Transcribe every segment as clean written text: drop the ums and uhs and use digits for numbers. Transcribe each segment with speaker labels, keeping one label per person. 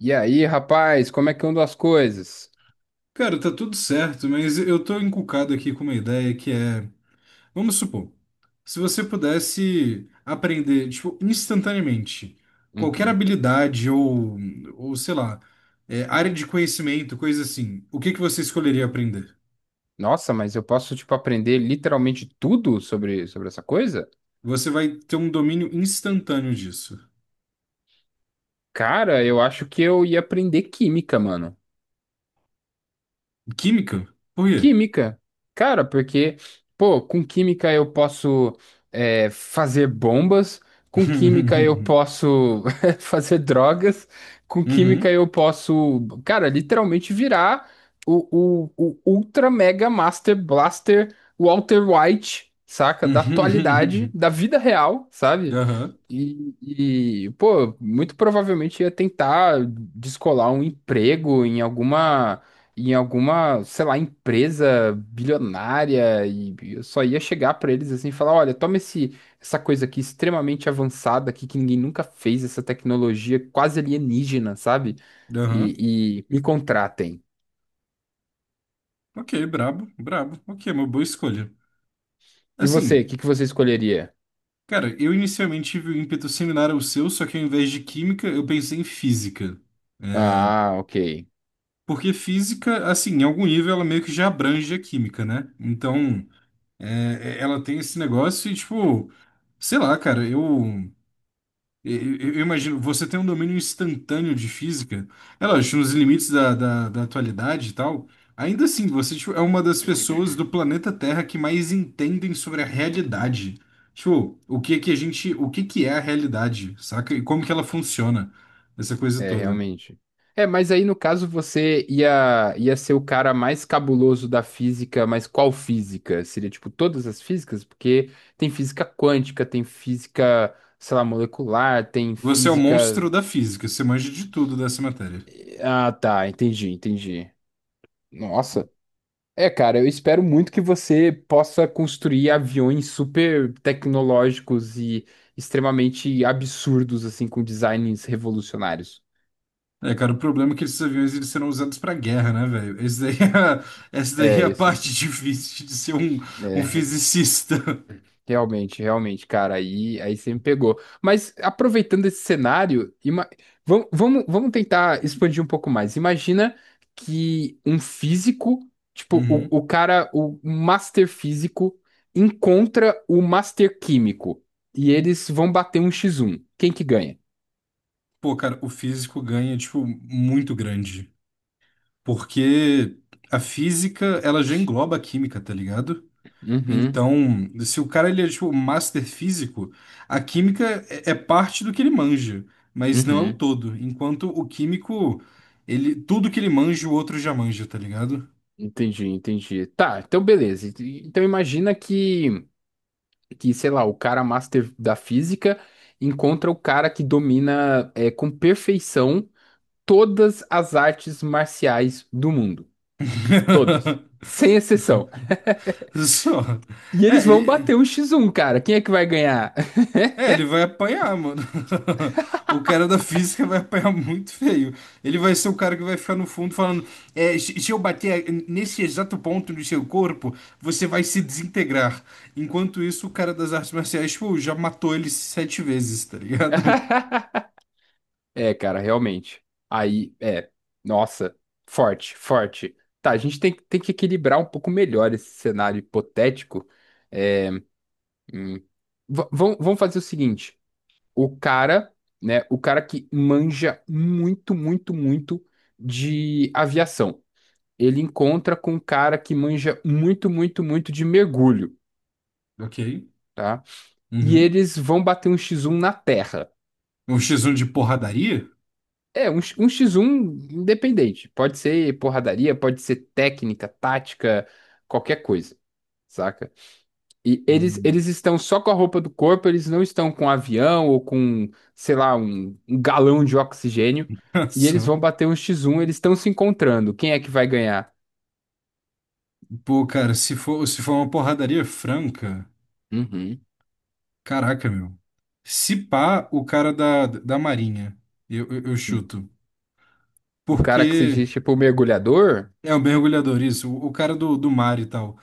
Speaker 1: E aí, rapaz, como é que andam as coisas?
Speaker 2: Cara, tá tudo certo, mas eu tô encucado aqui com uma ideia que é, vamos supor, se você pudesse aprender, tipo, instantaneamente, qualquer
Speaker 1: Uhum.
Speaker 2: habilidade ou sei lá, área de conhecimento, coisa assim, o que que você escolheria aprender?
Speaker 1: Nossa, mas eu posso, tipo, aprender literalmente tudo sobre essa coisa?
Speaker 2: Você vai ter um domínio instantâneo disso.
Speaker 1: Cara, eu acho que eu ia aprender química, mano.
Speaker 2: Química? Por quê?
Speaker 1: Química, cara, porque, pô, com química eu posso fazer bombas, com química eu posso fazer drogas, com química
Speaker 2: Uhum.
Speaker 1: eu posso, cara, literalmente virar o Ultra Mega Master Blaster Walter White, saca? Da atualidade,
Speaker 2: Uhum.
Speaker 1: da vida real, sabe?
Speaker 2: Aham,
Speaker 1: E, pô, muito provavelmente ia tentar descolar um emprego em alguma, sei lá, empresa bilionária, e eu só ia chegar pra eles assim e falar, olha, toma essa coisa aqui extremamente avançada aqui que ninguém nunca fez, essa tecnologia quase alienígena, sabe?
Speaker 2: aham.
Speaker 1: E me contratem.
Speaker 2: Ok, brabo, brabo. Ok, uma boa escolha.
Speaker 1: E você,
Speaker 2: Assim.
Speaker 1: o que que você escolheria?
Speaker 2: Cara, eu inicialmente tive um ímpeto similar ao seu, só que ao invés de química, eu pensei em física.
Speaker 1: Ah, ok.
Speaker 2: Porque física, assim, em algum nível ela meio que já abrange a química, né? Então, ela tem esse negócio e, tipo, sei lá, cara, eu. E- Eu imagino, você tem um domínio instantâneo de física, é lógico, nos limites da atualidade e tal. Ainda assim, você tipo, é uma das pessoas do planeta Terra que mais entendem sobre a realidade. Tipo, o que é que a gente, o que que é a realidade, saca? E como que ela funciona, essa coisa
Speaker 1: É,
Speaker 2: toda.
Speaker 1: realmente. É, mas aí no caso você ia ser o cara mais cabuloso da física, mas qual física? Seria tipo todas as físicas? Porque tem física quântica, tem física, sei lá, molecular, tem
Speaker 2: Você é o monstro
Speaker 1: física.
Speaker 2: da física, você manja de tudo dessa matéria.
Speaker 1: Ah, tá, entendi, entendi. Nossa. É, cara, eu espero muito que você possa construir aviões super tecnológicos e extremamente absurdos, assim, com designs revolucionários.
Speaker 2: É, cara, o problema é que esses aviões eles serão usados pra guerra, né, velho? Esse daí é, essa daí
Speaker 1: É,
Speaker 2: é a
Speaker 1: isso,
Speaker 2: parte difícil de ser um, um
Speaker 1: é.
Speaker 2: fisicista.
Speaker 1: Realmente, realmente, cara, aí você me pegou. Mas aproveitando esse cenário, vamos tentar expandir um pouco mais. Imagina que um físico, tipo, o,
Speaker 2: Uhum.
Speaker 1: o cara, o master físico, encontra o master químico, e eles vão bater um x um. Quem que ganha?
Speaker 2: Pô, cara, o físico ganha, tipo, muito grande. Porque a física, ela já engloba a química, tá ligado?
Speaker 1: Uhum,
Speaker 2: Então, se o cara, ele é, tipo, master físico, a química é parte do que ele manja, mas não é o
Speaker 1: uhum.
Speaker 2: todo. Enquanto o químico, ele, tudo que ele manja, o outro já manja, tá ligado?
Speaker 1: Entendi, entendi. Tá, então beleza. Então imagina que, sei lá, o cara master da física encontra o cara que domina com perfeição todas as artes marciais do mundo. Todas. Sem exceção.
Speaker 2: Só.
Speaker 1: E eles
Speaker 2: É,
Speaker 1: vão bater
Speaker 2: ele.
Speaker 1: um X1, cara. Quem é que vai ganhar?
Speaker 2: É, ele vai apanhar, mano. O cara da física vai apanhar muito feio. Ele vai ser o cara que vai ficar no fundo falando: é, se eu bater nesse exato ponto do seu corpo, você vai se desintegrar. Enquanto isso, o cara das artes marciais, tipo, já matou ele sete vezes, tá ligado?
Speaker 1: É, cara, realmente. Aí, é. Nossa, forte, forte. Tá, a gente tem que equilibrar um pouco melhor esse cenário hipotético. É, hum, vamos fazer o seguinte. O cara, né, o cara que manja muito, muito, muito de aviação. Ele encontra com um cara que manja muito, muito, muito de mergulho,
Speaker 2: Ok.
Speaker 1: tá? E
Speaker 2: Uhum.
Speaker 1: eles vão bater um X1 na terra.
Speaker 2: Um X1 de porradaria?
Speaker 1: É, um X1 independente. Pode ser porradaria, pode ser técnica, tática, qualquer coisa, saca? E eles,
Speaker 2: Hum.
Speaker 1: eles estão só com a roupa do corpo, eles não estão com avião ou com, sei lá, um galão de oxigênio. E eles
Speaker 2: Só.
Speaker 1: vão bater um X1, eles estão se encontrando. Quem é que vai ganhar?
Speaker 2: Pô, cara, se for, se for uma porradaria franca,
Speaker 1: Uhum.
Speaker 2: caraca, meu. Se pá, o cara da Marinha. Eu chuto.
Speaker 1: O cara que se diz
Speaker 2: Porque
Speaker 1: tipo mergulhador?
Speaker 2: é o mergulhador, isso, o cara do, do mar e tal.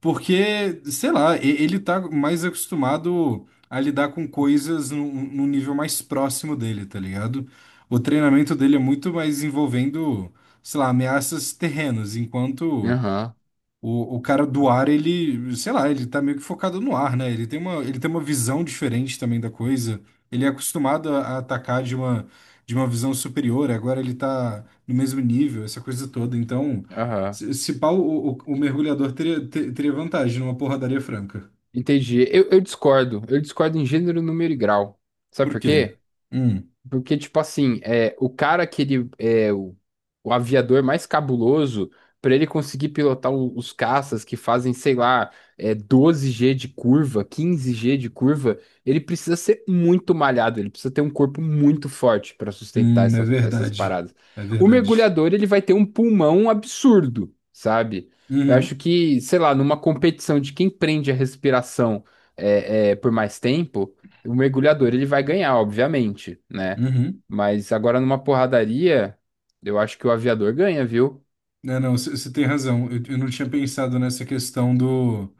Speaker 2: Porque, sei lá, ele tá mais acostumado a lidar com coisas num, num nível mais próximo dele, tá ligado? O treinamento dele é muito mais envolvendo, sei lá, ameaças terrenas, enquanto
Speaker 1: Aham,
Speaker 2: o cara do ar, ele, sei lá, ele tá meio que focado no ar, né? Ele tem uma visão diferente também da coisa. Ele é acostumado a atacar de uma visão superior, agora ele tá no mesmo nível, essa coisa toda. Então,
Speaker 1: aham.
Speaker 2: se pá, o mergulhador teria, teria vantagem numa porradaria franca.
Speaker 1: Entendi. Eu discordo. Eu discordo em gênero, número e grau. Sabe
Speaker 2: Por
Speaker 1: por
Speaker 2: quê?
Speaker 1: quê?
Speaker 2: Hum,
Speaker 1: Porque, tipo assim, o cara que ele é o aviador mais cabuloso, pra ele conseguir pilotar os caças que fazem, sei lá, 12 G de curva, 15 G de curva, ele precisa ser muito malhado, ele precisa ter um corpo muito forte pra sustentar
Speaker 2: é
Speaker 1: essas
Speaker 2: verdade.
Speaker 1: paradas.
Speaker 2: É
Speaker 1: O
Speaker 2: verdade.
Speaker 1: mergulhador, ele vai ter um pulmão absurdo, sabe? Eu acho
Speaker 2: Uhum,
Speaker 1: que, sei lá, numa competição de quem prende a respiração por mais tempo. O mergulhador ele vai ganhar, obviamente, né?
Speaker 2: uhum.
Speaker 1: Mas agora numa porradaria, eu acho que o aviador ganha, viu?
Speaker 2: Não, não, você tem razão. Eu não tinha pensado nessa questão do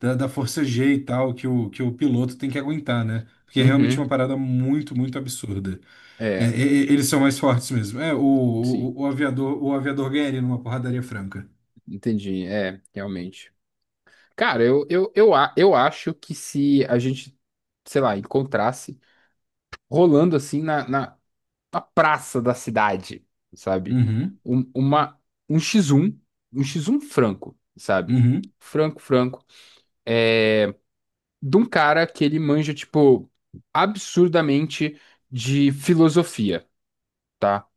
Speaker 2: da força G e tal que que o piloto tem que aguentar, né? Porque é realmente uma
Speaker 1: Uhum.
Speaker 2: parada muito, muito absurda. É,
Speaker 1: É,
Speaker 2: eles são mais fortes mesmo. É,
Speaker 1: sim,
Speaker 2: o aviador ganha ele numa porradaria franca.
Speaker 1: entendi. É, realmente. Cara, eu acho que se a gente, sei lá, encontrasse rolando assim na, na praça da cidade, sabe?
Speaker 2: Uhum,
Speaker 1: Um, uma, um x um um x um franco, sabe?
Speaker 2: uhum,
Speaker 1: Franco, franco. É, de um cara que ele manja, tipo, absurdamente de filosofia, tá?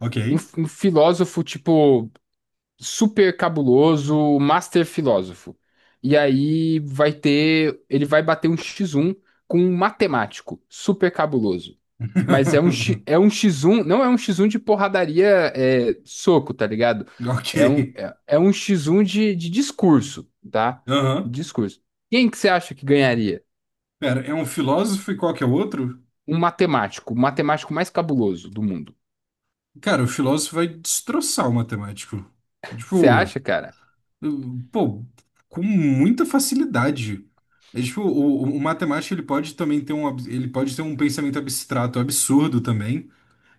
Speaker 2: ok.
Speaker 1: Um filósofo, tipo, super cabuloso, um master filósofo. E aí ele vai bater um X1 com um matemático, super cabuloso. Mas é é um X1, não é um X1 de porradaria, soco, tá ligado?
Speaker 2: Ok.
Speaker 1: É um X1 de, discurso, tá?
Speaker 2: Aham.
Speaker 1: Discurso. Quem que você acha que ganharia?
Speaker 2: Pera, é um filósofo e qual que é o outro?
Speaker 1: Um matemático, o matemático mais cabuloso do mundo.
Speaker 2: Cara, o filósofo vai destroçar o matemático.
Speaker 1: Você
Speaker 2: Tipo.
Speaker 1: acha, cara?
Speaker 2: Pô, com muita facilidade. É tipo, o matemático ele pode também ter um, ele pode ter um pensamento abstrato, absurdo também,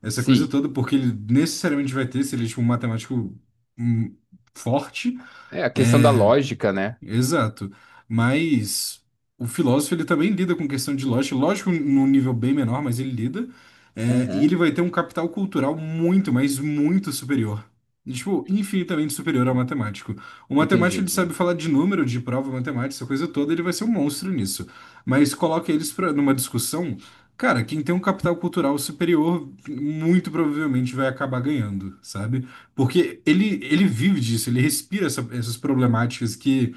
Speaker 2: essa coisa
Speaker 1: Sim.
Speaker 2: toda, porque ele necessariamente vai ter, se ele é tipo, um matemático hum, forte.
Speaker 1: É a questão da lógica, né?
Speaker 2: Exato. Mas o filósofo ele também lida com questão de lógica, lógico, num nível bem menor, mas ele lida. É, e ele vai ter um capital cultural muito, mas muito superior. E, tipo, infinitamente superior ao matemático. O
Speaker 1: Entendi,
Speaker 2: matemático ele sabe
Speaker 1: entendi.
Speaker 2: falar de número, de prova matemática, essa coisa toda, ele vai ser um monstro nisso. Mas coloca eles pra, numa discussão, cara, quem tem um capital cultural superior muito provavelmente vai acabar ganhando, sabe? Porque ele vive disso, ele respira essas problemáticas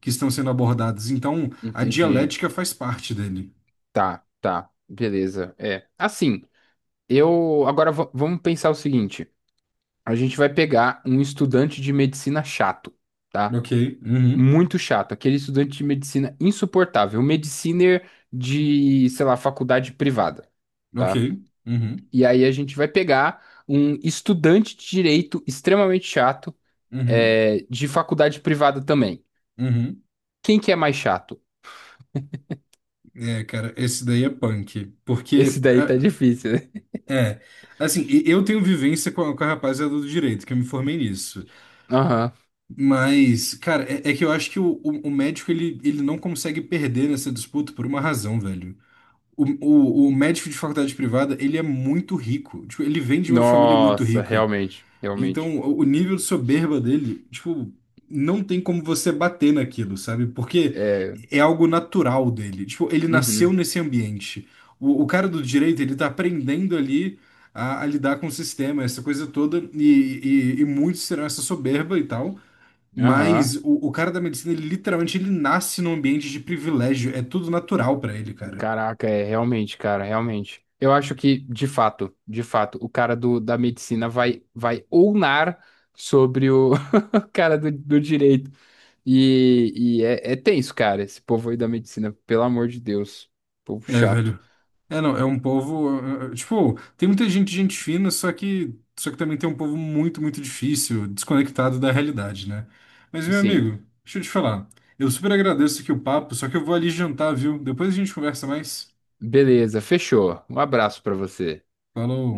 Speaker 2: que estão sendo abordados. Então, a
Speaker 1: Entendi.
Speaker 2: dialética faz parte dele.
Speaker 1: Tá, tá. Beleza. É. Assim, eu. Agora vamos pensar o seguinte: a gente vai pegar um estudante de medicina chato, tá?
Speaker 2: Ok, uhum,
Speaker 1: Muito chato. Aquele estudante de medicina insuportável. Mediciner de, sei lá, faculdade privada,
Speaker 2: ok,
Speaker 1: tá?
Speaker 2: uhum,
Speaker 1: E aí a gente vai pegar um estudante de direito extremamente chato,
Speaker 2: uhum,
Speaker 1: de faculdade privada também.
Speaker 2: uhum.
Speaker 1: Quem que é mais chato?
Speaker 2: É, cara, esse daí é punk.
Speaker 1: Esse
Speaker 2: Porque,
Speaker 1: daí tá
Speaker 2: ah,
Speaker 1: difícil, né?
Speaker 2: é, assim, eu tenho vivência com a rapaziada do direito, que eu me formei nisso.
Speaker 1: Aham.
Speaker 2: Mas, cara, é, é que eu acho que o médico, ele não consegue perder nessa disputa por uma razão, velho. O, o médico de faculdade privada, ele é muito rico. Tipo, ele vem de uma família muito
Speaker 1: Nossa,
Speaker 2: rica.
Speaker 1: realmente, realmente.
Speaker 2: Então, o nível de soberba dele, tipo, não tem como você bater naquilo, sabe? Porque
Speaker 1: É,
Speaker 2: é algo natural dele. Tipo, ele nasceu
Speaker 1: uhum,
Speaker 2: nesse ambiente. O cara do direito, ele tá aprendendo ali a lidar com o sistema, essa coisa toda, e muitos terão essa soberba e tal. Mas
Speaker 1: aham.
Speaker 2: o cara da medicina, ele literalmente ele nasce num ambiente de privilégio. É tudo natural pra ele, cara.
Speaker 1: Caraca, é realmente, cara, realmente. Eu acho que, de fato, o cara da medicina vai ulnar sobre o cara do direito. E é tenso, cara, esse povo aí da medicina, pelo amor de Deus. Povo
Speaker 2: É,
Speaker 1: chato.
Speaker 2: velho. É, não, é um povo. Tipo, tem muita gente, gente fina, só que também tem um povo muito, muito difícil, desconectado da realidade, né? Mas, meu
Speaker 1: Sim,
Speaker 2: amigo, deixa eu te falar. Eu super agradeço aqui o papo, só que eu vou ali jantar, viu? Depois a gente conversa mais.
Speaker 1: beleza, fechou. Um abraço pra você.
Speaker 2: Falou.